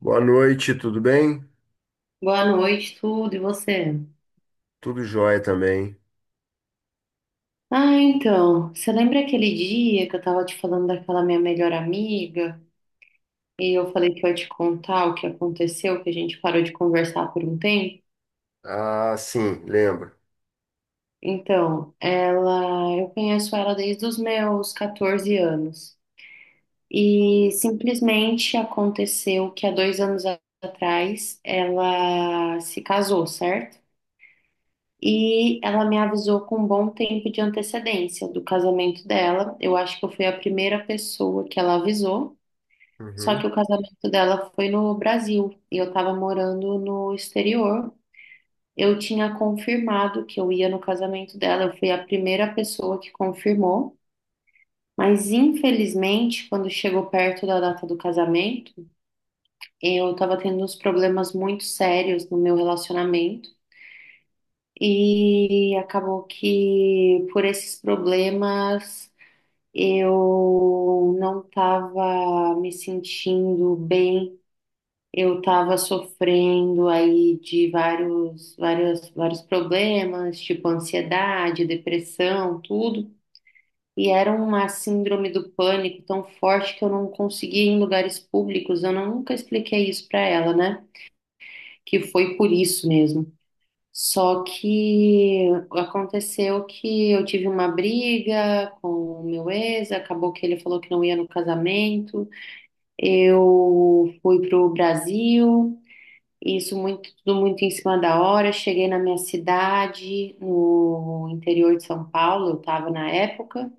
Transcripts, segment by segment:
Boa noite, tudo bem? Boa noite, tudo, e você? Tudo jóia também. Ah, então, você lembra aquele dia que eu tava te falando daquela minha melhor amiga e eu falei que eu ia te contar o que aconteceu, que a gente parou de conversar por um tempo? Ah, sim, lembro. Então, ela, eu conheço ela desde os meus 14 anos. E simplesmente aconteceu que há 2 anos atrás ela se casou, certo? E ela me avisou com um bom tempo de antecedência do casamento dela. Eu acho que eu fui a primeira pessoa que ela avisou. Só que Uhum. o casamento dela foi no Brasil e eu estava morando no exterior. Eu tinha confirmado que eu ia no casamento dela. Eu fui a primeira pessoa que confirmou. Mas infelizmente, quando chegou perto da data do casamento, eu estava tendo uns problemas muito sérios no meu relacionamento. E acabou que por esses problemas eu não estava me sentindo bem, eu estava sofrendo aí de vários, vários, vários problemas, tipo ansiedade, depressão, tudo. E era uma síndrome do pânico tão forte que eu não conseguia ir em lugares públicos. Eu nunca expliquei isso para ela, né? Que foi por isso mesmo. Só que aconteceu que eu tive uma briga com o meu ex, acabou que ele falou que não ia no casamento. Eu fui pro Brasil, isso muito, tudo muito em cima da hora. Cheguei na minha cidade, no interior de São Paulo, eu estava na época,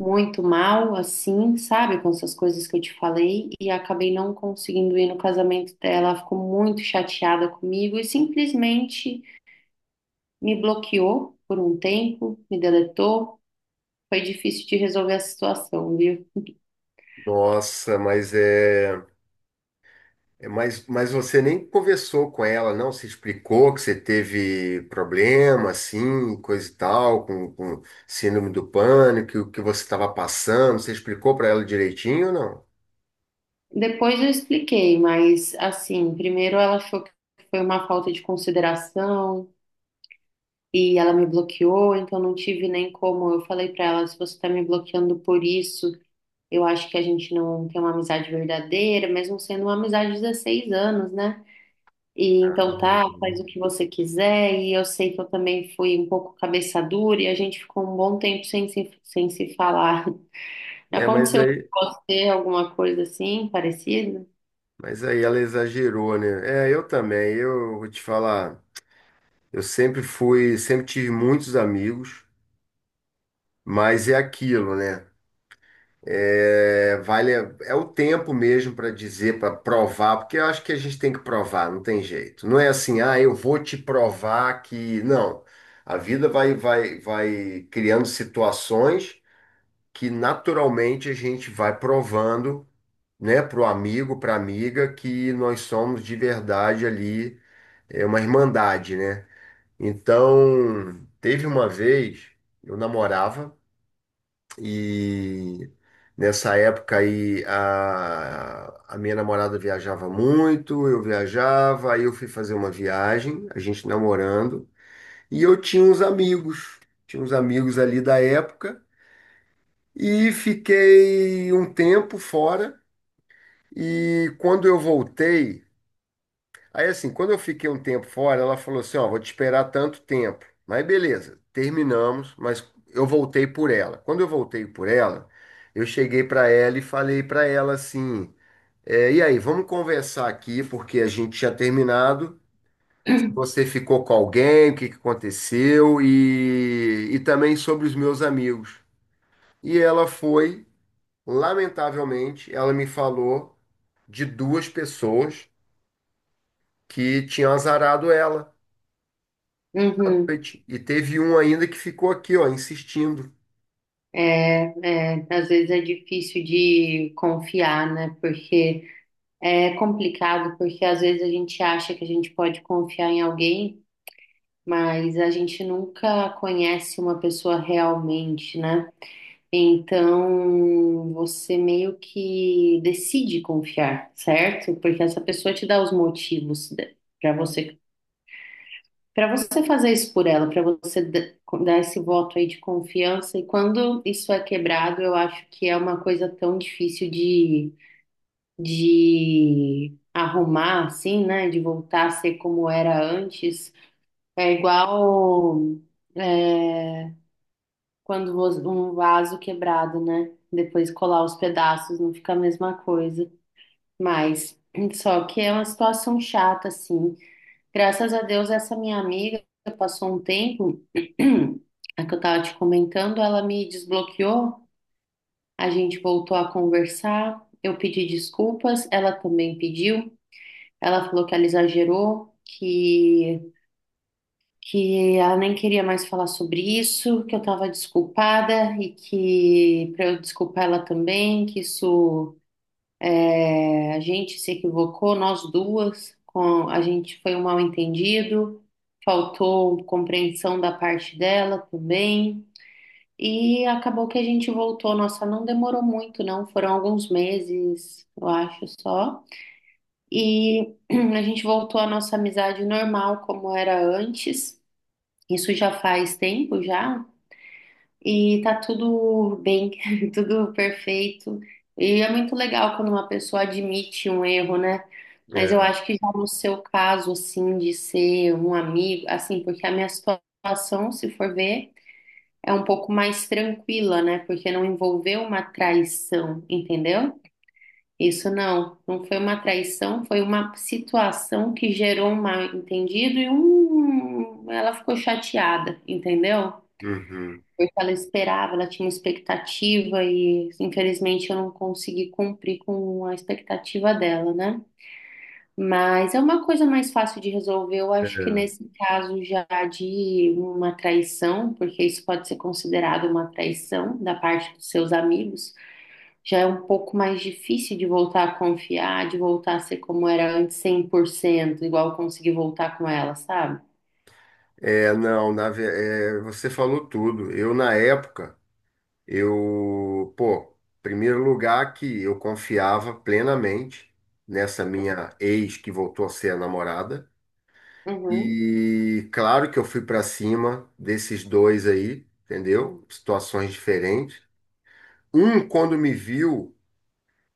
muito mal, assim, sabe, com essas coisas que eu te falei, e acabei não conseguindo ir no casamento dela. Ela ficou muito chateada comigo e simplesmente. Me bloqueou por um tempo, me deletou. Foi difícil de resolver a situação, viu? Nossa, mas você nem conversou com ela, não? Se explicou que você teve problema, assim, coisa e tal, com síndrome do pânico, que o que você estava passando, você explicou para ela direitinho ou não? Depois eu expliquei, mas assim, primeiro ela achou que foi uma falta de consideração e ela me bloqueou, então não tive nem como. Eu falei pra ela, se você tá me bloqueando por isso, eu acho que a gente não tem uma amizade verdadeira, mesmo sendo uma amizade de 16 anos, né? E Ah, então tá, faz não. o que você quiser. E eu sei que eu também fui um pouco cabeça dura e a gente ficou um bom tempo sem se falar. É, mas Aconteceu com aí, você alguma coisa assim, parecida? mas aí ela exagerou, né? É, eu também, eu vou te falar, sempre tive muitos amigos. Mas é aquilo, né? É, vale, é o tempo mesmo para dizer, para provar, porque eu acho que a gente tem que provar, não tem jeito. Não é assim, ah, eu vou te provar que. Não. A vida vai criando situações que naturalmente a gente vai provando, né, para o amigo, para a amiga, que nós somos de verdade ali, é uma irmandade, né? Então, teve uma vez, eu namorava. E nessa época aí a minha namorada viajava muito, eu viajava, aí eu fui fazer uma viagem, a gente namorando, e eu tinha uns amigos ali da época, e fiquei um tempo fora, e quando eu voltei, aí assim, quando eu fiquei um tempo fora, ela falou assim, ó, vou te esperar tanto tempo. Mas beleza, terminamos, mas eu voltei por ela. Quando eu voltei por ela, eu cheguei para ela e falei para ela assim, é, e aí, vamos conversar aqui, porque a gente tinha terminado. Se você ficou com alguém, o que que aconteceu e também sobre os meus amigos. E ela foi, lamentavelmente, ela me falou de duas pessoas que tinham azarado ela. À Uhum. noite. E teve um ainda que ficou aqui, ó, insistindo. É, é, às vezes é difícil de confiar, né? Porque é complicado, porque às vezes a gente acha que a gente pode confiar em alguém, mas a gente nunca conhece uma pessoa realmente, né? Então, você meio que decide confiar, certo? Porque essa pessoa te dá os motivos para você, para você fazer isso por ela, para você dar esse voto aí de confiança. E quando isso é quebrado, eu acho que é uma coisa tão difícil de arrumar, assim, né? De voltar a ser como era antes. É igual. é, Quando um vaso quebrado, né? Depois colar os pedaços, não fica a mesma coisa. Mas, só que é uma situação chata, assim. Graças a Deus, essa minha amiga passou um tempo, a que eu tava te comentando, ela me desbloqueou, a gente voltou a conversar, eu pedi desculpas, ela também pediu, ela falou que ela exagerou, que ela nem queria mais falar sobre isso, que eu estava desculpada e que para eu desculpar ela também, que isso a gente se equivocou, nós duas, a gente foi um mal-entendido, faltou compreensão da parte dela também. E acabou que a gente voltou. Nossa, não demorou muito, não. Foram alguns meses, eu acho só. E a gente voltou à nossa amizade normal, como era antes. Isso já faz tempo, já. E tá tudo bem, tudo perfeito. E é muito legal quando uma pessoa admite um erro, né? Mas eu É, acho que já no seu caso, assim, de ser um amigo, assim, porque a minha situação, se for ver, é um pouco mais tranquila, né? Porque não envolveu uma traição, entendeu? Isso não, não foi uma traição, foi uma situação que gerou um mal-entendido ela ficou chateada, entendeu? uhum. Porque ela esperava, ela tinha uma expectativa e infelizmente eu não consegui cumprir com a expectativa dela, né? Mas é uma coisa mais fácil de resolver, eu É, acho que nesse caso já de uma traição, porque isso pode ser considerado uma traição da parte dos seus amigos, já é um pouco mais difícil de voltar a confiar, de voltar a ser como era antes 100%, igual eu consegui voltar com ela, sabe? Não, é, você falou tudo. Eu, na época, eu, pô, primeiro lugar que eu confiava plenamente nessa minha ex que voltou a ser a namorada. Uhum, E claro que eu fui pra cima desses dois aí, entendeu? Situações diferentes. Um, quando me viu,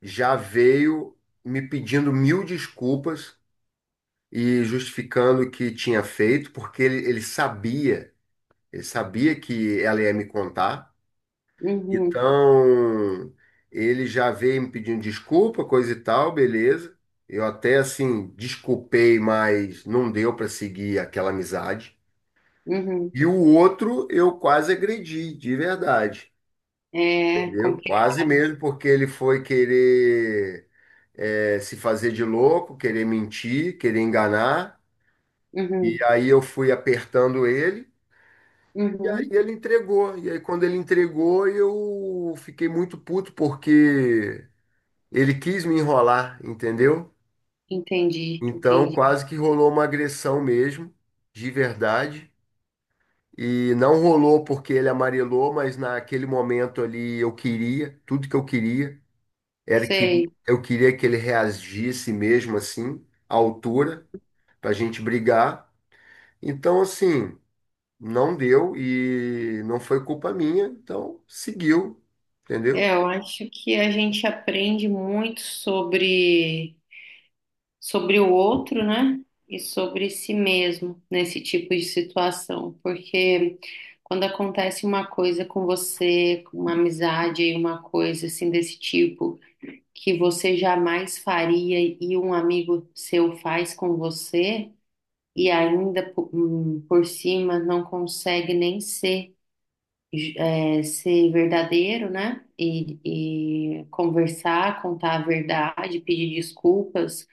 já veio me pedindo mil desculpas e justificando o que tinha feito, porque ele sabia, ele sabia que ela ia me contar. uhum, Então, ele já veio me pedindo desculpa, coisa e tal, beleza. Eu até assim desculpei, mas não deu para seguir aquela amizade. uhum. E o outro eu quase agredi, de verdade, É entendeu? complicado. Quase mesmo, porque ele foi querer se fazer de louco, querer mentir, querer enganar. E Uhum, aí eu fui apertando ele. uhum. E ele entregou. E aí, quando ele entregou, eu fiquei muito puto porque ele quis me enrolar, entendeu? Entendi, Então, entendi. quase que rolou uma agressão mesmo, de verdade. E não rolou porque ele amarelou, mas naquele momento ali tudo que eu queria era que Sei. eu queria que ele reagisse mesmo assim, à altura, pra gente brigar. Então, assim, não deu e não foi culpa minha, então seguiu, É, entendeu? eu acho que a gente aprende muito sobre o outro, né? E sobre si mesmo nesse tipo de situação, porque quando acontece uma coisa com você, com uma amizade, uma coisa assim desse tipo, que você jamais faria e um amigo seu faz com você, e ainda por cima não consegue nem ser ser verdadeiro, né? E conversar, contar a verdade, pedir desculpas.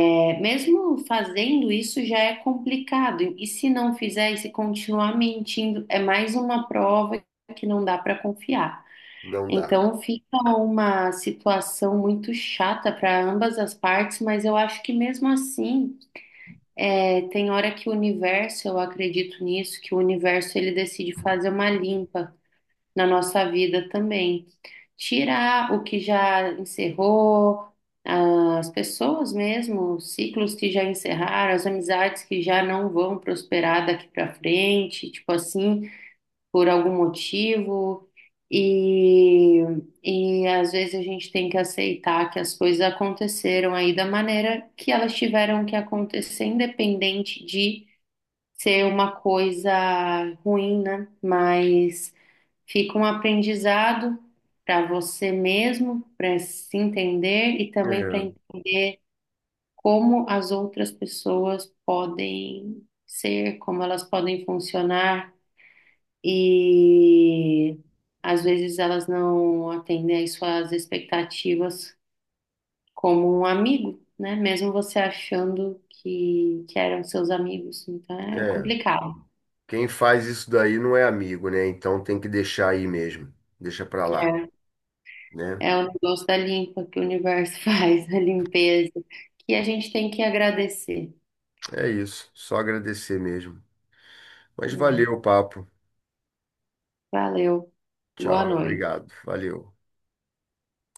É, mesmo fazendo isso já é complicado. E se não fizer, e se continuar mentindo, é mais uma prova que não dá para confiar. Não dá. Então fica uma situação muito chata para ambas as partes, mas eu acho que mesmo assim, é, tem hora que o universo, eu acredito nisso, que o universo ele decide fazer uma limpa na nossa vida também. Tirar o que já encerrou, as pessoas mesmo, os ciclos que já encerraram, as amizades que já não vão prosperar daqui para frente, tipo assim, por algum motivo. E, e às vezes a gente tem que aceitar que as coisas aconteceram aí da maneira que elas tiveram que acontecer, independente de ser uma coisa ruim, né? Mas. Fica um aprendizado para você mesmo, para se entender e também para É, como as outras pessoas podem ser, como elas podem funcionar e às vezes elas não atendem às suas expectativas como um amigo, né? Mesmo você achando que eram seus amigos, então é é. complicado. Quem faz isso daí não é amigo, né? Então tem que deixar aí mesmo. Deixa pra lá, né? É o negócio da limpa que o universo faz, a limpeza, que a gente tem que agradecer. É isso. Só agradecer mesmo. Mas Hum, valeu o papo. Valeu. Tchau, Boa noite. obrigado. Valeu.